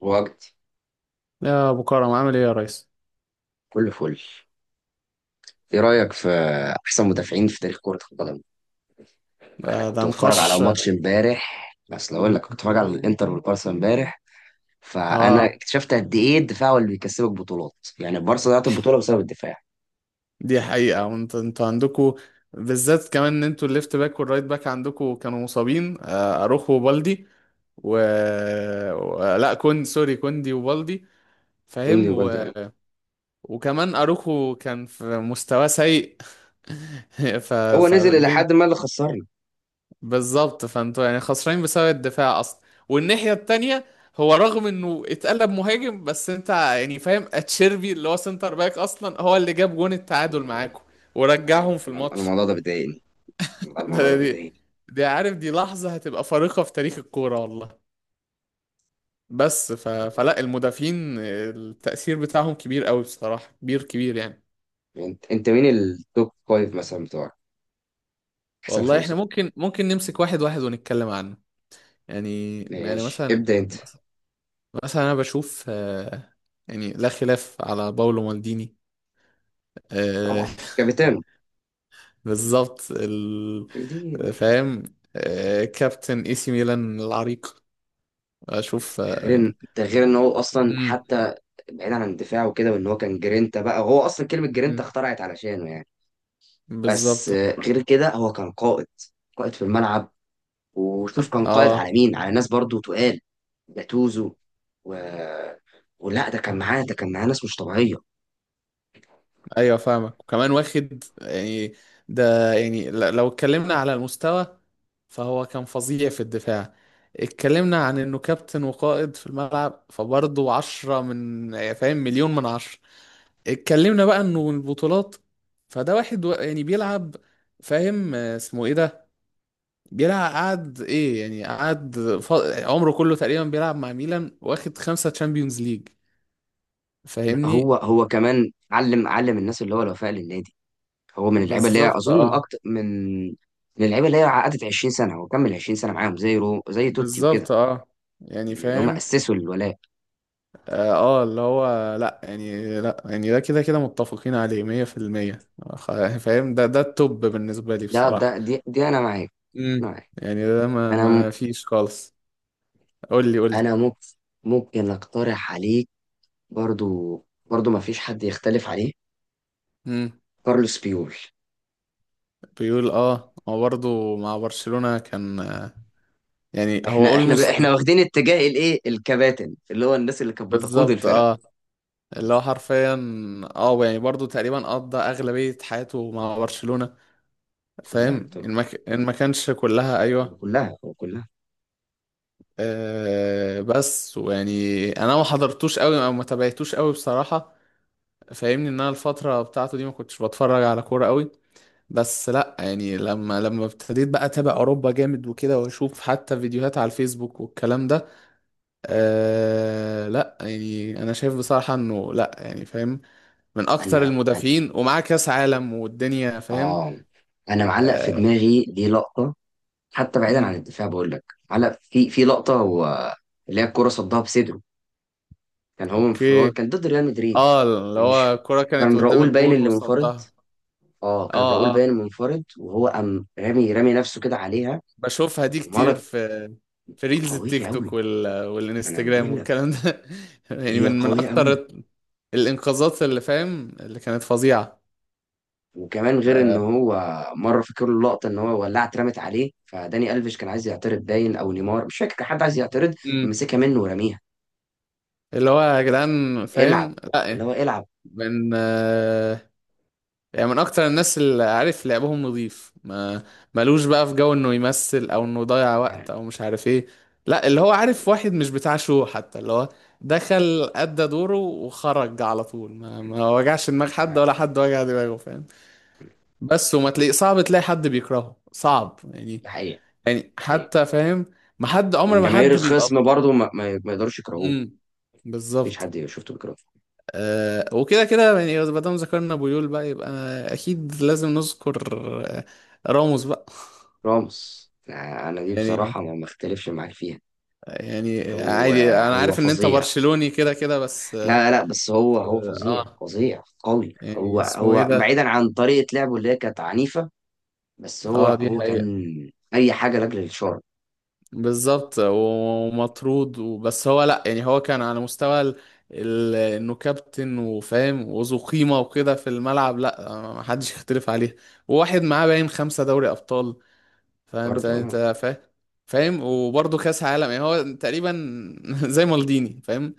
وجدي، يا ابو كرم، عامل ايه يا ريس؟ كله فل. ايه رأيك في احسن مدافعين في تاريخ كرة القدم؟ انا ده كنت بتفرج على نقاش. ماتش امبارح، بس لو اقول لك كنت بتفرج على الانتر والبارسا امبارح، فانا اه، اكتشفت قد ايه الدفاع هو اللي بيكسبك بطولات. يعني البارسا ضيعت البطولة بسبب الدفاع. دي حقيقة. وانت انتوا عندكوا، بالذات كمان ان انتوا الليفت باك والرايت باك عندكوا كانوا مصابين، اروخو وبالدي و... لا كوندي، سوري، كوندي وبالدي، كوندي فاهم وجلدي، و... اه. وكمان اروخو كان في مستوى سيء. ف... هو نزل الى فالدنيا حد ما اللي خسرنا. بالظبط. فانتوا يعني خسرانين بسبب الدفاع اصلا. والناحية التانية، هو رغم انه اتقلب مهاجم، بس انت يعني فاهم اتشيربي اللي هو سنتر باك اصلا هو اللي جاب جون التعادل معاكم ورجعهم يعني في أنا الماتش. الموضوع ده بيضايقني. والله الموضوع ده ده- دي بيضايقني دي عارف، دي لحظة هتبقى فارقة في تاريخ الكورة والله. والله. فلا المدافعين التأثير بتاعهم كبير قوي، بصراحة كبير كبير يعني. انت مين التوب فايف مثلا بتوعك؟ احسن والله احنا خمسة. ممكن نمسك واحد واحد ونتكلم عنه. يعني يعني ماشي، مثلا، ابدأ انت. مثلا انا بشوف، يعني لا خلاف على باولو مالديني. آه، طبعا كابتن. بالظبط دي. فاهم، كابتن اي سي ميلان العريق. اشوف، ده غير ان ده غير ان هو اصلا امم حتى بعيدا عن دفاعه وكده، وان هو كان جرينتا، بقى هو اصلا كلمه جرينتا مم. اخترعت علشانه يعني. بس بالظبط هو. غير كده هو كان قائد. قائد في الملعب. وشوف كان قائد اه على مين، على ناس برضو تقال، جاتوزو و... ولا، ده كان معاه ناس مش طبيعيه. ايوه فاهمك. وكمان واخد يعني، ده يعني لو اتكلمنا على المستوى، فهو كان فظيع في الدفاع. اتكلمنا عن انه كابتن وقائد في الملعب، فبرضه عشرة من، يعني فاهم، مليون من عشرة. اتكلمنا بقى انه البطولات، فده واحد يعني بيلعب، فاهم، اسمه ايه ده، بيلعب قعد ايه، يعني قعد عمره كله تقريبا بيلعب مع ميلان، واخد خمسة تشامبيونز ليج، لا، فاهمني. هو كمان علم الناس اللي هو الوفاء للنادي. هو من اللعيبه اللي هي بالظبط اظن من اه. اكتر من اللعيبه اللي هي عقدت 20 سنه، هو كمل 20 سنه معاهم، زي توتي وكده، بالظبط اه. يعني من اللي هم فاهم. اسسوا الولاء. اه اللي هو لا يعني، لا يعني ده كده كده متفقين عليه 100%. فاهم، ده ده التوب بالنسبة لي ده بصراحة. ده دي انا معاك امم معاك يعني ده ما انا ما م- فيش خالص. قول انا ممكن اقترح عليك. برضو ما فيش حد يختلف عليه: لي كارلوس بيول. بيقول. اه هو برضه مع برشلونة كان، يعني هو احنا احنا ب... اولموست. احنا واخدين اتجاه الايه، الكباتن، اللي هو الناس اللي كانت بتقود بالظبط الفرق. اه. اللي هو حرفيا اه، يعني برضه تقريبا قضى اغلبية حياته مع برشلونة، كلها فاهم ان طبعا، ما ك- إن ما كانش كلها، ايوه. كلها. آه بس ويعني انا ما حضرتوش قوي، او ما تابعتوش قوي بصراحة، فاهمني، ان انا الفترة بتاعته دي ما كنتش بتفرج على كورة قوي. بس لا يعني، لما ابتديت بقى اتابع اوروبا جامد وكده، واشوف حتى فيديوهات على الفيسبوك والكلام ده، آه لا يعني انا شايف بصراحة انه، لا يعني فاهم، من اكتر انا انا المدافعين، ومعاه كاس عالم والدنيا، فاهم. اه انا معلق في آه. دماغي دي لقطه، حتى بعيدا عن امم الدفاع بقول لك. معلق في لقطه هو، اللي هي الكره صدها بصدره. كان هو منفرد، اوكي. كان ضد ريال مدريد. اه اللي كان هو مش، الكرة كانت كان قدام راؤول باين الجون اللي منفرد. وصدها. اه، كان راؤول اه اه، باين منفرد، وهو قام رامي نفسه كده عليها بشوفها دي كتير، ومرض. في في ريلز التيك قوية توك أوي، أنا والانستجرام بقول لك، والكلام ده. يعني هي من قوية أوي. اكتر الانقاذات، اللي فاهم، اللي كانت فظيعة. وكمان غير إن آه. هو مرة فاكر له اللقطة، إن هو ولعت اترمت عليه، فداني ألفيش كان عايز يعترض، باين أو نيمار مش فاكر، كان حد عايز يعترض، مم. مسكها منه ورميها: اللي هو يا جدعان، العب. فاهم اللي لا، هو العب. من يعني من اكتر الناس اللي عارف لعبهم نظيف. ما ملوش بقى في جو انه يمثل، او انه يضيع وقت، يعني او مش عارف ايه. لا، اللي هو مش عارف- عارف، واحد مش بتاع شو حتى، اللي هو دخل ادى دوره وخرج على طول، ما وجعش دماغ مش حد، ولا عارف. حد وجع دماغه، فاهم. بس وما تلاقي، صعب تلاقي حد بيكرهه، صعب يعني. ده حقيقة، يعني ده حقيقة. حتى فاهم، ما حد عمر، من ما جماهير حد بيبقى. الخصم برضو ما يقدروش يكرهوه. امم مفيش بالظبط. حد شفته بيكرهه. وكده كده يعني، ما دام ذكرنا بويول بقى، يبقى اكيد لازم نذكر، آه، راموس بقى. راموس، أنا دي يعني بصراحة ما اختلفش معاك فيها. يعني هو عادي، انا هو عارف ان انت فظيع. برشلوني كده كده، بس اه. لا لا، بس هو فظيع آه، فظيع قوي. هو يعني اسمه ايه هو ده. بعيدا عن طريقة لعبه اللي هي كانت عنيفة، بس هو اه دي هو حقيقة. كان أي حاجة لأجل الشر. بالظبط، ومطرود، وبس هو لا يعني، هو كان على مستوى انه كابتن وفاهم وذو قيمة وكده في الملعب، لا ما حدش يختلف عليه. وواحد معاه باين خمسة دوري ابطال. فانت برضو انت أنا فاهم، فاهم، وبرضه كاس عالم، يعني هو تقريبا زي مالديني، فاهم.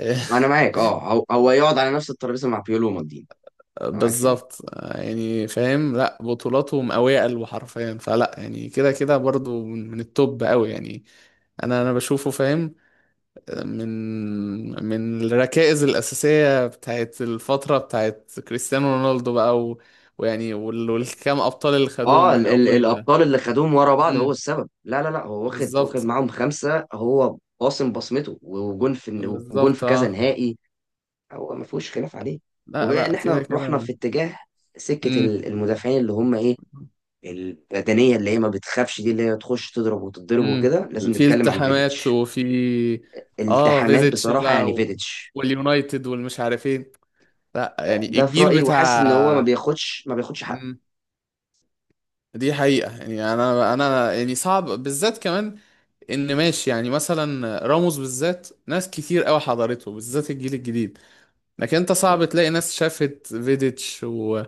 أنا معاك، أه، هو يقعد على نفس الترابيزة مع بيولو ومالديني. أنا معاك في دي. بالظبط. يعني فاهم لا، بطولاته مقويه قلبه حرفيا، فلا يعني كده كده برضه من من التوب قوي يعني. انا بشوفه فاهم، من من الركائز الاساسيه بتاعت الفتره بتاعت كريستيانو رونالدو بقى ويعني والكام ابطال اللي خدوهم أه، من ال ال اول. الأبطال اللي خدوهم ورا بعض هو امم السبب. لا لا لا، هو واخد بالظبط. معاهم خمسة، هو قاسم بصمته وجون في وجون بالظبط في كذا اه. نهائي. هو ما فيهوش خلاف عليه. لا وبما إن لا كده إحنا رحنا كده. في اتجاه سكة امم المدافعين اللي هم إيه، البدنيه اللي هي ما بتخافش، دي اللي هي تخش تضرب وتتضرب امم وكده، لازم في نتكلم عن التحامات فيديتش. وفي، اه التحامات فيزيتش بصراحه، يعني بقى فيديتش. واليونايتد والمش عارفين. لا ده يعني ده في الجيل رايي، وحاسس ان هو ما بتاع، بياخدش ما بياخدش حقه امم دي حقيقة. يعني انا يعني صعب، بالذات كمان ان ماشي، يعني مثلا راموس بالذات ناس كتير قوي حضرته، بالذات الجيل الجديد، لكن انت حقيقي. صعب تلاقي ناس شافت فيديتش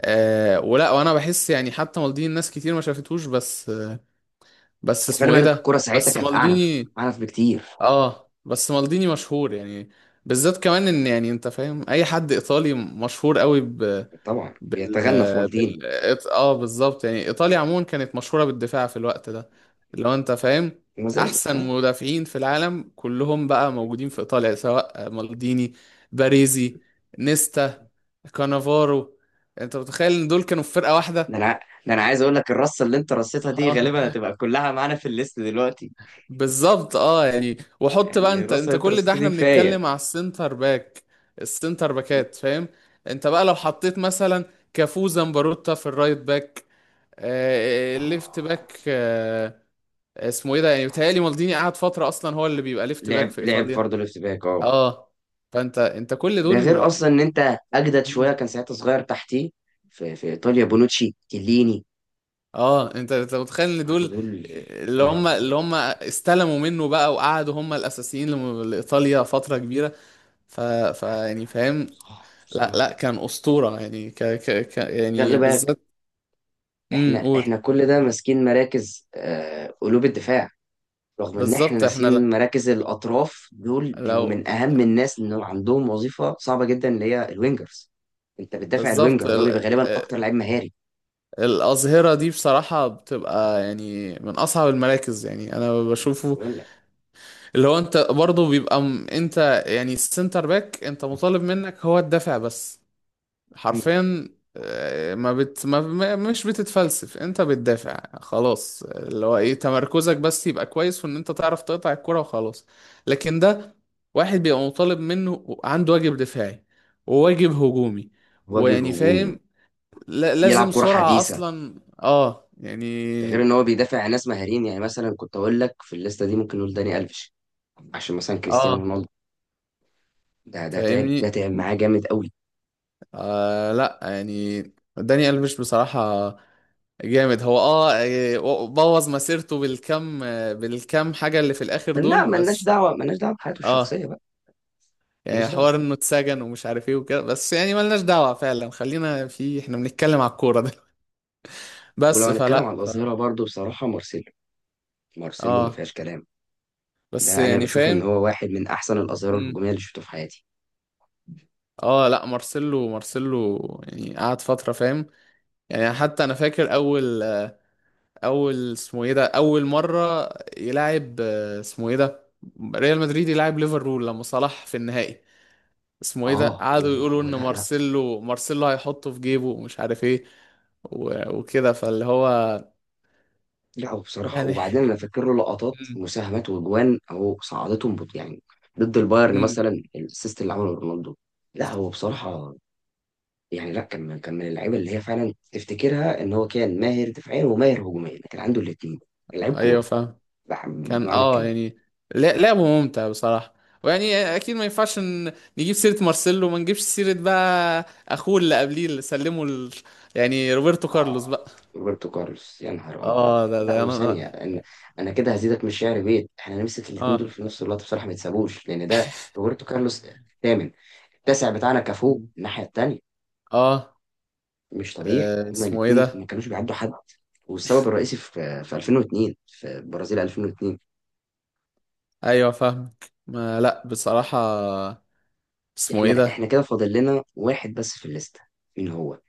آه ولا، وانا بحس يعني حتى مالديني ناس كتير ما شافتوش. بس وخلي اسمه ايه بالك ده، الكره ساعتها بس كانت اعنف، مالديني. اعنف بكتير. اه بس مالديني مشهور يعني، بالذات كمان ان يعني انت فاهم اي حد ايطالي مشهور قوي ب... طبعا بال بيتغنى في والدين. بال إيط- اه بالظبط، يعني ايطاليا عموما كانت مشهورة بالدفاع في الوقت ده، اللي هو انت فاهم وما زالت، احسن اه. مدافعين في العالم كلهم بقى موجودين في ايطاليا، سواء مالديني، باريزي، نيستا، كانافارو. انت متخيل ان دول كانوا في فرقة واحدة؟ ده انا ده انا عايز اقول لك، الرصه اللي انت رصيتها دي غالبا هتبقى كلها معانا في الليست دلوقتي. بالظبط اه، يعني وحط بقى، يعني انت الرصه انت اللي انت كل ده رصيتها دي احنا كفايه. بنتكلم على السنتر باك، السنتر باكات فاهم. انت بقى لو حطيت مثلا كافو زمبروتا في الرايت باك، الليفت آه. باك، اسمه ايه ده، يعني بيتهيألي آه. مالديني قعد فترة اصلا هو اللي بيبقى ليفت باك في لعب ايطاليا، برضه ليفت باك، اه. اه. فانت انت كل ده غير دول. اصلا ان انت اجدد شويه، مم. كان ساعتها صغير تحتيه في ايطاليا: بونوتشي، كيليني. اه انت متخيل ان دول، النهارده دول، آه، يا نهار ابيض. اللي هم استلموا منه بقى وقعدوا هم الاساسيين، لايطاليا فترة كبيرة. ف... ف يعني فاهم، صعب لا صعب. لا كان أسطورة يعني، ك ك ك يعني خلي بالك، بالذات. احنا قول. احنا كل ده ماسكين مراكز قلوب الدفاع، رغم ان احنا بالظبط احنا ناسيين مراكز الاطراف. دول بيبقوا لو من اهم الناس، ان عندهم وظيفه صعبه جدا اللي هي الوينجرز. انت بتدافع بالظبط الوينجر اللي هو بيبقى غالبا آه، اكتر لعيب مهاري. الأظهرة دي بصراحة بتبقى يعني من أصعب المراكز، يعني أنا بشوفه بقول لك، اللي هو، أنت برضه بيبقى أنت يعني السنتر باك، أنت مطالب منك هو الدافع بس، حرفيا، آه، ما بت ما ما- مش بتتفلسف، انت بتدافع خلاص، اللي هو ايه، تمركزك بس يبقى كويس، في ان انت تعرف تقطع الكرة وخلاص. لكن ده واحد بيبقى مطالب منه، عنده واجب دفاعي وواجب هجومي، واجب ويعني هجومي، فاهم، يلعب لازم كره سرعة حديثه، اصلا اه ده يعني. غير ان هو بيدافع عن ناس مهاريين. يعني مثلا كنت اقول لك في الليسته دي ممكن نقول داني الفيش، عشان مثلا كريستيانو اه رونالدو ده ده تعب ده فاهمني. تعب معاه جامد قوي. آه لا يعني داني ألفيش بصراحة جامد. هو اه بوظ مسيرته بالكم، بالكم حاجة اللي في الآخر لا، دول، ملناش بس دعوه، ملناش دعوه بحياته الشخصيه اه، بقى، يعني ملناش دعوه. حوار انه اتسجن ومش عارف ايه وكده، بس يعني ملناش دعوة فعلا، خلينا في، احنا بنتكلم على الكورة ده. ولو بس هنتكلم فلا. على ف... الاظهره برضه بصراحه، مارسيلو. مارسيلو ما اه فيهاش كلام. بس ده انا يعني بشوف ان فاهم. هو واحد من احسن الاظهره مم. الهجوميه اللي شفته في حياتي. اه لا مارسيلو، مارسيلو يعني قعد فترة فاهم، يعني حتى انا فاكر اول، اول اسمه ايه ده، اول مرة يلعب، اسمه ايه ده، ريال مدريد يلعب ليفربول لما صلاح في النهائي، اسمه ايه ده، اه، قعدوا هو يقولوا هو ان لا لا. مارسيلو، مارسيلو هيحطه في جيبه ومش عارف ايه وكده، فاللي هو لا، هو بصراحه، يعني. وبعدين انا فاكر له لقطات مم. مساهمات واجوان اهو صعدتهم يعني، ضد البايرن مم. مثلا، الاسيست اللي عمله رونالدو. لا هو بصراحه، يعني لا، كان من اللعيبه اللي هي فعلا تفتكرها ان هو كان ماهر دفاعيا وماهر هجوميا، كان عنده الاثنين. لعيب ايوه كوره فاهم، كان بمعنى اه الكلمه. يعني، لعبه ممتع بصراحة. ويعني اكيد ما ينفعش نجيب سيرة مارسيلو، ما نجيبش سيرة بقى اخوه اللي قبليه، اللي سلمه يعني روبرتو كارلوس اه، بقى. روبرتو كارلوس، يا نهار ابيض. اه ده لا، ده انا. وثانيه ان انا كده هزيدك من الشعر بيت، احنا نمسك الاثنين دول اه. في نفس الوقت بصراحه، ما يتسابوش، لان ده روبرتو كارلوس الثامن، التاسع بتاعنا كافو مم. الناحيه الثانيه. اه، مش طبيعي، هما اسمه ايه الاثنين ما ده، كانوش بيعدوا حد. والسبب الرئيسي في 2002، في برازيل 2002. ايوه فاهم، ما لا بصراحة، اسمه ايه احنا ده، كده فاضل لنا واحد بس في الليسته. مين هو؟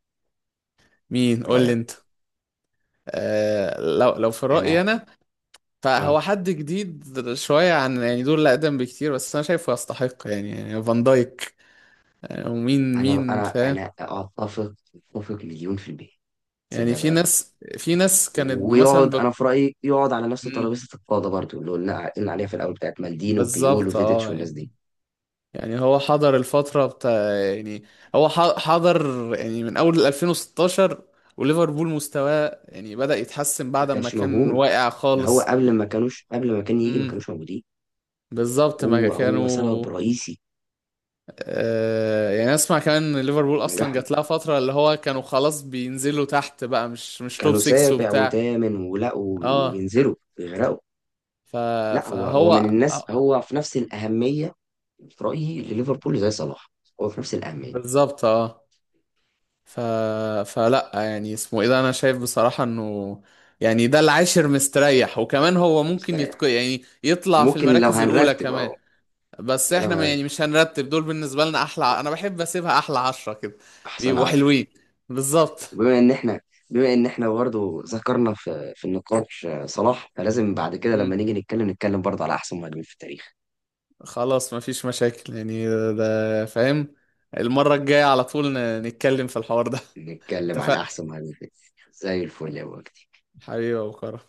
مين؟ قول لي رأيك؟ انت. آه، لو لو في رأيي انا انا، فهو اه حد جديد شوية عن يعني دول اللي اقدم بكتير، بس انا شايفه يستحق يعني، فان دايك. ومين انا مين انا فاهم، انا اتفق، اتفق مليون في المية. يعني تصدق في بقى؟ ناس، في ناس كانت مثلا ويقعد، انا في رأيي يقعد على نفس مم، ترابيزة القادة برضو، اللي قلنا عليها في الاول بتاعت مالديني وبيول بالظبط وفيديتش اه والناس يعني. دي. يعني هو حضر الفترة بتاع، يعني هو حضر يعني من اول 2016، وليفربول مستواه يعني بدأ يتحسن ما بعد ما كانش كان موجود، واقع ده هو خالص. قبل ما كانوش، قبل ما كان يجي ما امم كانوش موجودين. بالظبط ما هو كانوا. سبب رئيسي يعني اسمع كمان، ان ليفربول في اصلا نجاحهم. جات لها فتره اللي هو كانوا خلاص بينزلوا تحت بقى، مش توب كانوا 6 سابع وبتاع. وثامن، ولا اه وبينزلوا بيغرقوا. ف لا، هو فهو، من الناس، آه، هو في نفس الأهمية، في رأيي لليفربول، زي صلاح. هو في نفس الأهمية. بالظبط اه. ف فلا يعني اسمه ايه ده، انا شايف بصراحه انه يعني ده العاشر مستريح، وكمان هو ممكن مستريح. يعني يطلع في ممكن لو المراكز الاولى هنرتب، كمان. اه. بس ده لو احنا يعني هنرتب مش هنرتب دول، بالنسبه لنا احلى انا بحب اسيبها احلى عشرة كده، احسن بيبقوا عشرة. حلوين. بالظبط. بما ان احنا بما ان احنا برضه ذكرنا في النقاش صلاح، فلازم بعد كده لما نيجي نتكلم برضه على احسن مهاجمين في التاريخ. خلاص مفيش مشاكل، يعني ده فاهم، المرة الجاية على طول نتكلم في الحوار ده. نتكلم عن اتفقنا، احسن مهاجمين في التاريخ زي الفل يا وجدي. حبيبي يا أبو كرم.